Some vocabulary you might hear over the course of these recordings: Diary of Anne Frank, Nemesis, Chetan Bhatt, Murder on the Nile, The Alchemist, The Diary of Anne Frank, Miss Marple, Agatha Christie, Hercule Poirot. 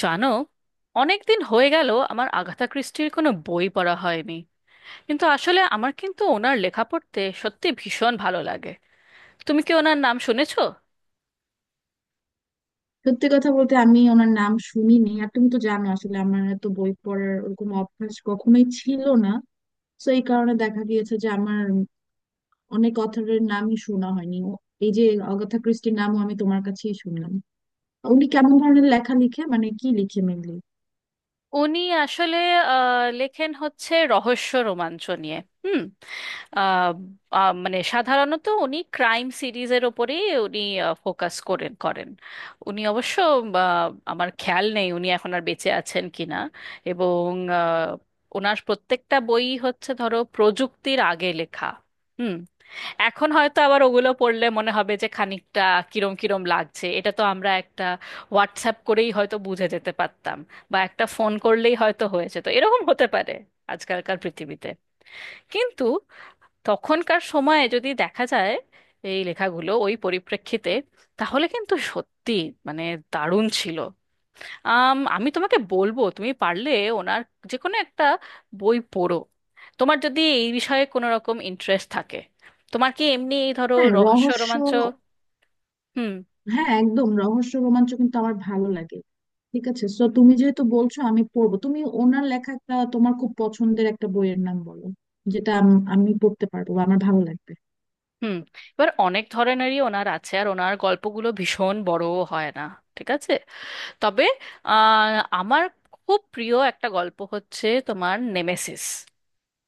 জানো, অনেকদিন হয়ে গেল আমার আগাথা ক্রিস্টির কোনো বই পড়া হয়নি। কিন্তু আসলে আমার কিন্তু ওনার লেখা পড়তে সত্যি ভীষণ ভালো লাগে। তুমি কি ওনার নাম শুনেছো? সত্যি কথা বলতে আমি ওনার নাম শুনিনি। আর তুমি তো জানো, আসলে আমার তো বই পড়ার ওরকম অভ্যাস কখনোই ছিল না। তো এই কারণে দেখা গিয়েছে যে আমার অনেক অথরের নামই শোনা হয়নি। এই যে অগাথা ক্রিস্টির নামও আমি তোমার কাছেই শুনলাম। উনি কেমন ধরনের লেখা লিখে, মানে কি লিখে মেনলি? উনি আসলে লেখেন হচ্ছে রহস্য রোমাঞ্চ নিয়ে। হুম। আহ, আহ, মানে সাধারণত উনি ক্রাইম সিরিজের ওপরেই উনি ফোকাস করেন করেন। উনি অবশ্য, আমার খেয়াল নেই উনি এখন আর বেঁচে আছেন কিনা। এবং আহ, ওনার প্রত্যেকটা বই হচ্ছে ধরো প্রযুক্তির আগে লেখা। হুম। এখন হয়তো আবার ওগুলো পড়লে মনে হবে যে খানিকটা কিরম কিরম লাগছে। এটা তো আমরা একটা হোয়াটসঅ্যাপ করেই হয়তো বুঝে যেতে পারতাম, বা একটা ফোন করলেই হয়তো হয়েছে, তো এরকম হতে পারে আজকালকার পৃথিবীতে। কিন্তু তখনকার সময়ে যদি দেখা যায় এই লেখাগুলো ওই পরিপ্রেক্ষিতে, তাহলে কিন্তু সত্যি মানে দারুণ ছিল। আমি তোমাকে বলবো, তুমি পারলে ওনার যে কোনো একটা বই পড়ো। তোমার যদি এই বিষয়ে কোনো রকম ইন্টারেস্ট থাকে। তোমার কি এমনি এই ধরো হ্যাঁ রহস্য রহস্য। রোমাঞ্চ? হুম। হ্যাঁ একদম রহস্য রোমাঞ্চ কিন্তু আমার ভালো লাগে। ঠিক আছে, তো তুমি যেহেতু বলছো আমি পড়বো, তুমি ওনার লেখা একটা তোমার খুব পছন্দের একটা বইয়ের নাম বলো, যেটা আমি পড়তে পারবো বা আমার ভালো লাগবে। হুম। এবার অনেক ধরনেরই ওনার আছে, আর ওনার গল্পগুলো ভীষণ বড় হয় না। ঠিক আছে। তবে আহ, আমার খুব প্রিয় একটা গল্প হচ্ছে তোমার নেমেসিস।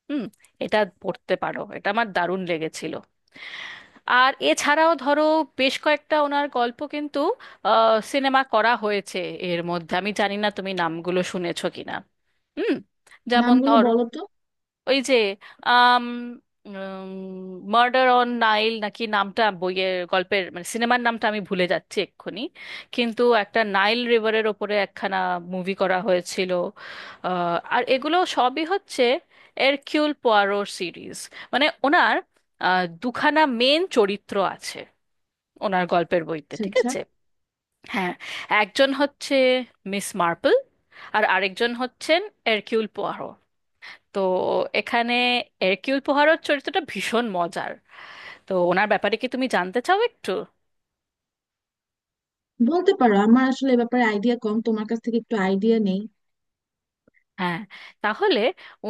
হুম। এটা পড়তে পারো, এটা আমার দারুণ লেগেছিল। আর এছাড়াও ধরো, বেশ কয়েকটা ওনার গল্প কিন্তু সিনেমা করা হয়েছে। এর মধ্যে আমি জানি না তুমি নামগুলো শুনেছো কিনা। হুম। যেমন নামগুলো ধরো বলো তো। ওই যে আম মার্ডার অন নাইল নাকি নামটা, বইয়ের গল্পের মানে সিনেমার নামটা আমি ভুলে যাচ্ছি এক্ষুনি, কিন্তু একটা নাইল রিভারের ওপরে একখানা মুভি করা হয়েছিল। আর এগুলো সবই হচ্ছে এরকিউল পোয়ারোর সিরিজ। মানে ওনার দুখানা মেন চরিত্র আছে ওনার গল্পের বইতে, আচ্ছা ঠিক আচ্ছা, আছে? হ্যাঁ, একজন হচ্ছে মিস মার্পল, আর আরেকজন হচ্ছেন এরকিউল পোয়ারো। তো এখানে এরকিউল পোহারোর চরিত্রটা ভীষণ মজার। তো ওনার ব্যাপারে কি তুমি জানতে চাও একটু? বলতে পারো, আমার আসলে এ ব্যাপারে আইডিয়া কম, তোমার কাছ থেকে একটু আইডিয়া নেই। হ্যাঁ, তাহলে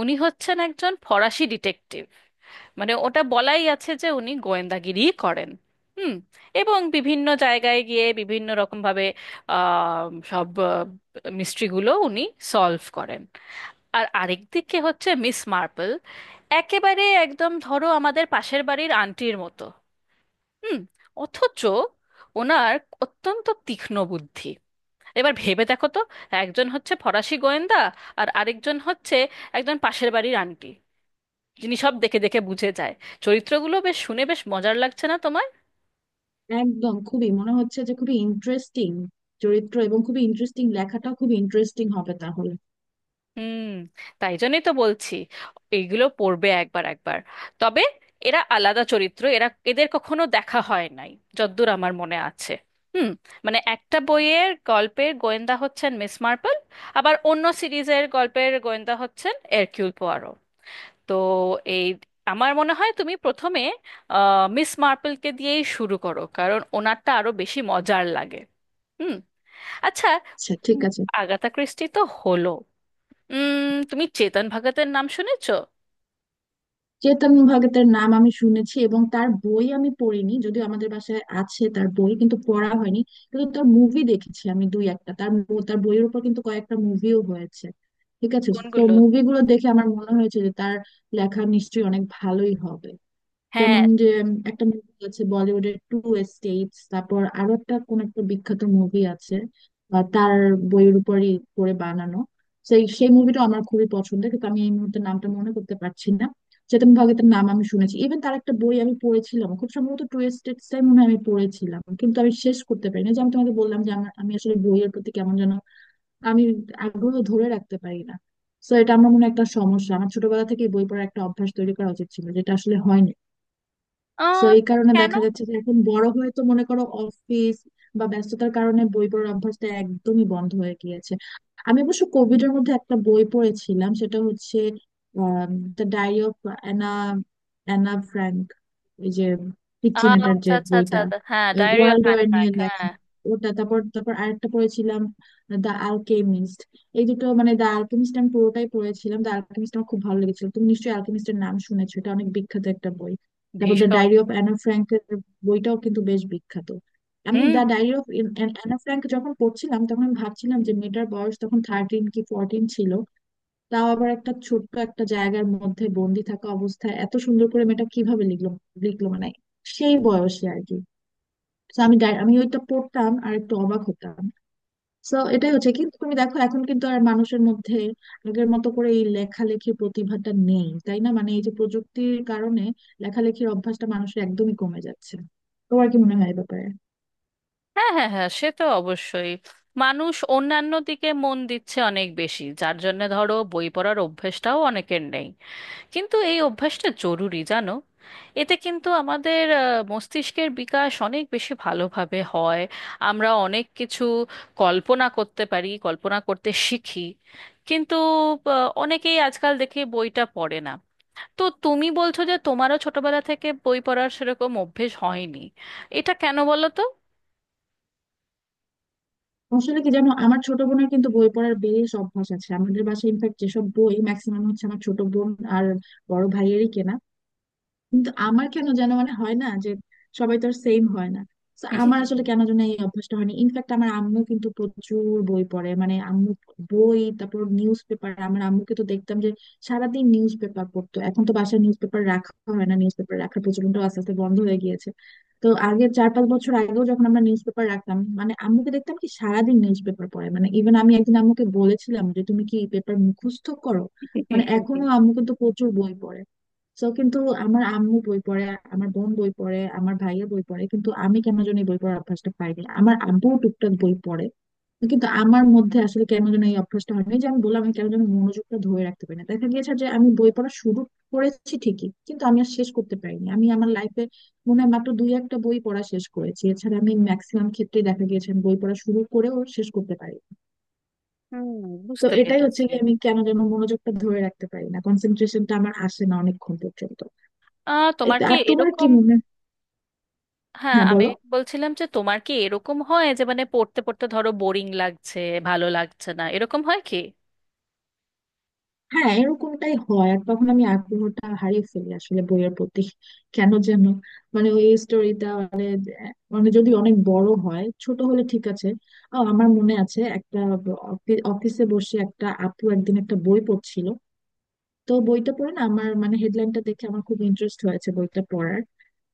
উনি হচ্ছেন একজন ফরাসি ডিটেকটিভ। মানে ওটা বলাই আছে যে উনি গোয়েন্দাগিরি করেন। হুম। এবং বিভিন্ন জায়গায় গিয়ে বিভিন্ন রকম ভাবে আহ, সব মিস্ট্রিগুলো উনি সলভ করেন। আর আরেক দিকে হচ্ছে মিস মার্পল, একেবারে একদম ধরো আমাদের পাশের বাড়ির আন্টির মতো। হুম। অথচ ওনার অত্যন্ত তীক্ষ্ণ বুদ্ধি। এবার ভেবে দেখো তো, একজন হচ্ছে ফরাসি গোয়েন্দা, আর আরেকজন হচ্ছে একজন পাশের বাড়ির আন্টি যিনি সব দেখে দেখে বুঝে যায়। চরিত্রগুলো বেশ শুনে বেশ মজার লাগছে না তোমার? একদম, খুবই মনে হচ্ছে যে খুবই ইন্টারেস্টিং চরিত্র, এবং খুবই ইন্টারেস্টিং, লেখাটাও খুবই ইন্টারেস্টিং হবে তাহলে। হুম। তাই জন্যই তো বলছি, এইগুলো পড়বে একবার একবার। তবে এরা আলাদা চরিত্র, এরা এদের কখনো দেখা হয় নাই যদ্দূর আমার মনে আছে। হুম। মানে একটা বইয়ের গল্পের গোয়েন্দা হচ্ছেন মিস মার্পল, আবার অন্য সিরিজের গল্পের গোয়েন্দা হচ্ছেন এরকিউল পোয়ারো। তো এই, আমার মনে হয় তুমি প্রথমে মিস মার্পলকে দিয়েই শুরু করো, কারণ ওনারটা আরো বেশি মজার লাগে। হুম। আচ্ছা। আচ্ছা ঠিক উম, আছে। আগাথা ক্রিস্টি তো হলো, তুমি চেতন ভগতের নাম শুনেছো? চেতন ভগতের নাম আমি শুনেছি, এবং তার বই আমি পড়িনি, যদিও আমাদের বাসায় আছে তার বই, কিন্তু পড়া হয়নি। কিন্তু তার মুভি দেখেছি আমি দুই একটা। তার তার বইয়ের উপর কিন্তু কয়েকটা মুভিও হয়েছে, ঠিক আছে। তো কোনগুলো? মুভিগুলো দেখে আমার মনে হয়েছে যে তার লেখা নিশ্চয়ই অনেক ভালোই হবে। যেমন হ্যাঁ। যে, একটা মুভি আছে বলিউডের টু এস্টেটস, তারপর আরো একটা কোন একটা বিখ্যাত মুভি আছে, তার বইয়ের উপরই করে বানানো। সেই সেই মুভিটা আমার খুবই পছন্দের, কিন্তু আমি এই মুহূর্তে নামটা মনে করতে পারছি না। চেতন ভগতের নাম আমি শুনেছি, ইভেন তার একটা বই আমি পড়েছিলাম, খুব সম্ভবত টু এস্টেটস টাই মনে হয় আমি পড়েছিলাম, কিন্তু আমি শেষ করতে পারিনি। যে আমি তোমাকে বললাম যে আমার, আমি আসলে বইয়ের প্রতি কেমন যেন আমি আগ্রহ ধরে রাখতে পারি না। তো এটা আমার মনে হয় একটা সমস্যা, আমার ছোটবেলা থেকে বই পড়ার একটা অভ্যাস তৈরি করা উচিত ছিল, যেটা আসলে হয়নি। সো আহ এই কারণে কেন? দেখা যাচ্ছে যে এখন বড় হয়ে তো মনে করো অফিস বা ব্যস্ততার কারণে বই পড়ার অভ্যাসটা একদমই বন্ধ হয়ে গিয়েছে। আমি অবশ্য কোভিড এর মধ্যে একটা বই পড়েছিলাম, সেটা হচ্ছে the diary of Anna Anna Frank, ওই যে পিচ্চি ম্যাটার আচ্ছা যে আচ্ছা আচ্ছা বইটা, আচ্ছা, হ্যাঁ diary of world Anne war নিয়ে ফ্র্যাঙ্ক, হ্যাঁ। লেখা। ওটা, তারপর তারপর আরেকটা পড়েছিলাম দা আলকেমিস্ট। এই দুটো, মানে দা আলকেমিস্ট আমি পুরোটাই পড়েছিলাম, দা আলকেমিস্ট আমার খুব ভালো লেগেছিল। তুমি নিশ্চয়ই আলকেমিস্টের নাম শুনেছো, এটা অনেক বিখ্যাত একটা বই। তারপর দ্য ভীষণ। ডায়েরি অফ অ্যানা ফ্র্যাঙ্ক বইটাও কিন্তু বেশ বিখ্যাত। আমি hmm. The diary of Anna Frank যখন পড়ছিলাম, তখন আমি ভাবছিলাম যে মেয়েটার বয়স তখন 13 কি 14 ছিল। তাও আবার একটা ছোট্ট একটা জায়গার মধ্যে বন্দি থাকা অবস্থায় এত সুন্দর করে মেয়েটা কিভাবে লিখলো, লিখলো মানে সেই বয়সে আর কি। তো আমি আমি ওইটা পড়তাম আর একটু অবাক হতাম। তো এটাই হচ্ছে, কিন্তু তুমি দেখো এখন কিন্তু আর মানুষের মধ্যে আগের মতো করে এই লেখালেখির প্রতিভাটা নেই, তাই না? মানে এই যে প্রযুক্তির কারণে লেখালেখির অভ্যাসটা মানুষের একদমই কমে যাচ্ছে। তোমার কি মনে হয় এ ব্যাপারে? হ্যাঁ হ্যাঁ হ্যাঁ, সে তো অবশ্যই। মানুষ অন্যান্য দিকে মন দিচ্ছে অনেক বেশি, যার জন্য ধরো বই পড়ার অভ্যেসটাও অনেকের নেই। কিন্তু এই অভ্যাসটা জরুরি জানো, এতে কিন্তু আমাদের মস্তিষ্কের বিকাশ অনেক বেশি ভালোভাবে হয়। আমরা অনেক কিছু কল্পনা করতে পারি, কল্পনা করতে শিখি। কিন্তু অনেকেই আজকাল দেখে বইটা পড়ে না। তো তুমি বলছো যে তোমারও ছোটবেলা থেকে বই পড়ার সেরকম অভ্যেস হয়নি, এটা কেন বলো তো? আসলে কি জানো, আমার ছোট বোনের কিন্তু বই পড়ার বেশ অভ্যাস আছে, আমাদের বাসায় ইনফ্যাক্ট যেসব বই ম্যাক্সিমাম হচ্ছে আমার ছোট বোন আর বড় ভাইয়েরই কেনা। কিন্তু আমার কেন যেন মানে হয় না যে সবাই তো আর সেম হয় না। তো আমার আসলে কেন যেন এই অভ্যাসটা হয়নি। ইনফ্যাক্ট আমার আম্মু কিন্তু প্রচুর বই পড়ে, মানে আম্মু বই, তারপর নিউজ পেপার, আমার আম্মুকে তো দেখতাম যে সারাদিন নিউজ পেপার পড়তো। এখন তো বাসায় নিউজ পেপার রাখা হয় না, নিউজ পেপার রাখার প্রচলনটা আস্তে আস্তে বন্ধ হয়ে গিয়েছে। তো আগে, 4 5 বছর আগেও যখন আমরা নিউজ পেপার রাখতাম, মানে আম্মুকে দেখতাম কি সারাদিন নিউজ পেপার পড়ে, মানে ইভেন আমি একদিন আম্মুকে বলেছিলাম যে তুমি কি পেপার মুখস্থ করো। মানে এখনো আম্মু কিন্তু প্রচুর বই পড়ে। তো কিন্তু আমার আম্মু বই পড়ে, আমার বোন বই পড়ে, আমার ভাইয়া বই পড়ে, কিন্তু আমি কেন জানি এই বই পড়ার অভ্যাসটা পাইনি। আমার আব্বু টুকটাক বই পড়ে, কিন্তু আমার মধ্যে আসলে কেন যেন এই অভ্যাসটা হয়নি। যে আমি বললাম, আমি কেন যেন মনোযোগটা ধরে রাখতে পারি না, দেখা গিয়েছে যে আমি বই পড়া শুরু করেছি ঠিকই কিন্তু আমি আর শেষ করতে পারিনি। আমি আমার লাইফে মনে হয় মাত্র দুই একটা বই পড়া শেষ করেছি, এছাড়া আমি ম্যাক্সিমাম ক্ষেত্রে দেখা গিয়েছে আমি বই পড়া শুরু করেও শেষ করতে পারি। হুম, তো বুঝতে এটাই হচ্ছে পেরেছি। কি, আমি কেন যেন মনোযোগটা ধরে রাখতে পারি না, কনসেন্ট্রেশনটা আমার আসে না অনেকক্ষণ পর্যন্ত। এই তোমার তো, কি আর তোমার কি এরকম? মনে, হ্যাঁ, হ্যাঁ আমি বলো। বলছিলাম যে তোমার কি এরকম হয় যে মানে পড়তে পড়তে ধরো বোরিং লাগছে, ভালো লাগছে না, এরকম হয় কি? হ্যাঁ এরকমটাই হয়, আর তখন আমি আগ্রহটা হারিয়ে ফেলি আসলে বইয়ের প্রতি, কেন যেন। মানে ওই স্টোরিটা মানে, মানে যদি অনেক বড় হয়, ছোট হলে ঠিক আছে। ও আমার মনে আছে একটা, অফিসে বসে একটা আপু একদিন একটা বই পড়ছিল, তো বইটা পড়ে না, আমার মানে হেডলাইনটা দেখে আমার খুব ইন্টারেস্ট হয়েছে বইটা পড়ার,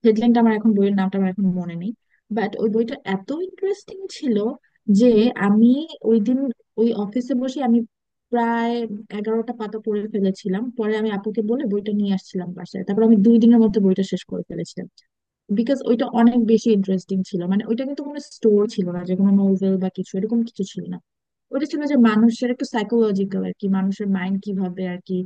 হেডলাইনটা আমার এখন, বইয়ের নামটা আমার এখন মনে নেই। বাট ওই বইটা এত ইন্টারেস্টিং ছিল যে আমি ওই দিন ওই অফিসে বসে আমি প্রায় 11টা পাতা পড়ে ফেলেছিলাম। পরে আমি আপুকে বলে বইটা নিয়ে আসছিলাম বাসায়, তারপর আমি 2 দিনের মধ্যে বইটা শেষ করে ফেলেছিলাম। বিকজ ওইটা অনেক বেশি ইন্টারেস্টিং ছিল। মানে ওইটা কিন্তু কোনো স্টোর ছিল না, যে কোনো নোভেল বা কিছু এরকম কিছু ছিল না। ওটা ছিল যে মানুষের একটু সাইকোলজিক্যাল আর কি, মানুষের মাইন্ড কিভাবে আর কি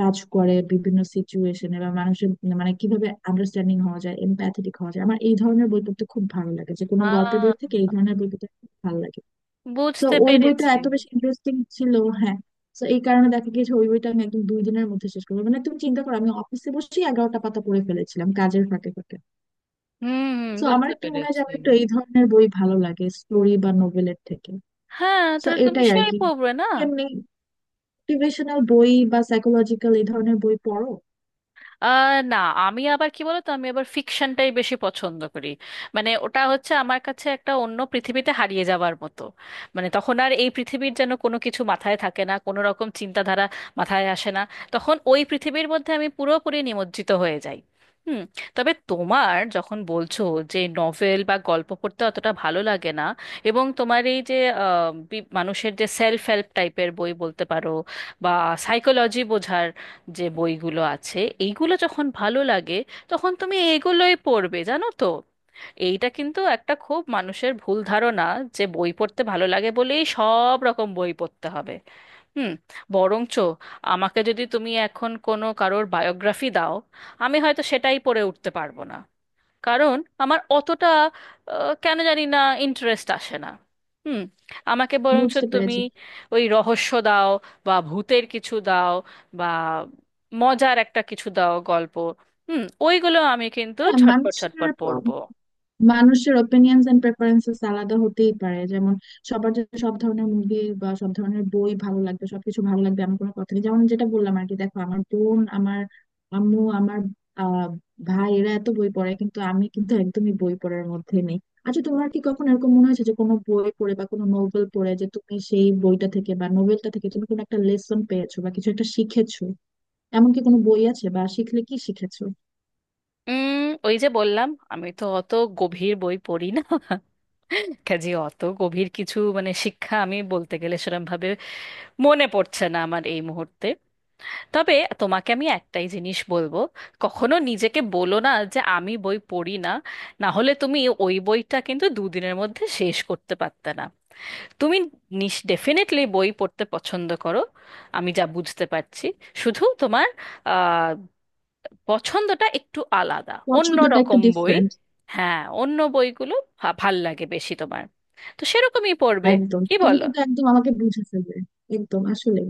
কাজ করে বিভিন্ন সিচুয়েশনে বা মানুষের, মানে কিভাবে আন্ডারস্ট্যান্ডিং হওয়া যায়, এমপ্যাথেটিক হওয়া যায়। আমার এই ধরনের বই পড়তে খুব ভালো লাগে, যে কোনো গল্পের বই আহ থেকে এই ধরনের বই পড়তে খুব ভালো লাগে। তো বুঝতে ওই বইটা পেরেছি। এত বেশি ইন্টারেস্টিং ছিল, হ্যাঁ। তো এই কারণে দেখা গিয়েছে ওই বইটা আমি একদম 2 দিনের মধ্যে শেষ করবো, মানে তুমি চিন্তা করো আমি অফিসে বসেই 11টা পাতা পড়ে ফেলেছিলাম কাজের ফাঁকে ফাঁকে। হুম হুম, তো আমার বুঝতে একটু মনে হয় যে পেরেছি। আমার একটু এই ধরনের বই ভালো লাগে, স্টোরি বা নোভেলের থেকে। হ্যাঁ, তো তাহলে তুমি এটাই আর সেই কি, পড়বে না। এমনি মোটিভেশনাল বই বা সাইকোলজিক্যাল এই ধরনের বই পড়ো। না, আমি আবার কি বলতো, আমি আবার ফিকশনটাই বেশি পছন্দ করি। মানে ওটা হচ্ছে আমার কাছে একটা অন্য পৃথিবীতে হারিয়ে যাওয়ার মতো। মানে তখন আর এই পৃথিবীর যেন কোনো কিছু মাথায় থাকে না, কোনো রকম চিন্তাধারা মাথায় আসে না। তখন ওই পৃথিবীর মধ্যে আমি পুরোপুরি নিমজ্জিত হয়ে যাই। হুম। তবে তোমার যখন বলছো যে নভেল বা গল্প পড়তে অতটা ভালো লাগে না, এবং তোমার এই যে মানুষের যে সেলফ হেল্প টাইপের বই বলতে পারো, বা সাইকোলজি বোঝার যে বইগুলো আছে, এইগুলো যখন ভালো লাগে, তখন তুমি এগুলোই পড়বে জানো তো। এইটা কিন্তু একটা খুব মানুষের ভুল ধারণা যে বই পড়তে ভালো লাগে বলেই সব রকম বই পড়তে হবে। হুম। বরঞ্চ আমাকে যদি তুমি এখন কোনো কারোর বায়োগ্রাফি দাও, আমি হয়তো সেটাই পড়ে উঠতে পারবো না। কারণ আমার অতটা, কেন জানি না, ইন্টারেস্ট আসে না। হুম। আমাকে বরঞ্চ বুঝতে তুমি পেরেছি। ওই রহস্য দাও, বা ভূতের কিছু দাও, বা মজার একটা কিছু দাও গল্প। হুম, ওইগুলো আমি কিন্তু হ্যাঁ ঝটপট মানুষের ঝটপট পড়বো। মানুষের ওপিনিয়নস এন্ড প্রেফারেন্সেস আলাদা হতেই পারে। যেমন সবার যে সব ধরনের মুভি বা সব ধরনের বই ভালো লাগবে, সবকিছু ভালো লাগবে, এমন কোনো কথা নেই। যেমন যেটা বললাম আর কি, দেখো আমার বোন, আমার আম্মু, আমার আহ ভাই এরা এত বই পড়ে কিন্তু আমি কিন্তু একদমই বই পড়ার মধ্যে নেই। আচ্ছা তোমার কি কখনো এরকম মনে হয়েছে, যে কোনো বই পড়ে বা কোনো নোবেল পড়ে, যে তুমি সেই বইটা থেকে বা নোবেলটা থেকে তুমি কোনো একটা লেসন পেয়েছো বা কিছু একটা শিখেছো? এমন কি কোনো বই আছে, বা শিখলে কি শিখেছো? উম ওই যে বললাম, আমি তো অত গভীর বই পড়ি না। কাজে অত গভীর কিছু মানে শিক্ষা আমি বলতে গেলে সেরম ভাবে মনে পড়ছে না আমার এই মুহূর্তে। তবে তোমাকে আমি একটাই জিনিস বলবো, কখনো নিজেকে বলো না যে আমি বই পড়ি না। না হলে তুমি ওই বইটা কিন্তু দুদিনের মধ্যে শেষ করতে পারতে না। তুমি নিস ডেফিনেটলি বই পড়তে পছন্দ করো, আমি যা বুঝতে পারছি। শুধু তোমার আহ, পছন্দটা একটু আলাদা, অন্য পছন্দটা একটু রকম বই। ডিফারেন্ট। হ্যাঁ, অন্য বইগুলো ভাল লাগে বেশি তোমার। তো সেরকমই পড়বে, একদম, কি তুমি বলো? কিন্তু একদম আমাকে বুঝে ফেলবে। একদম আসলে।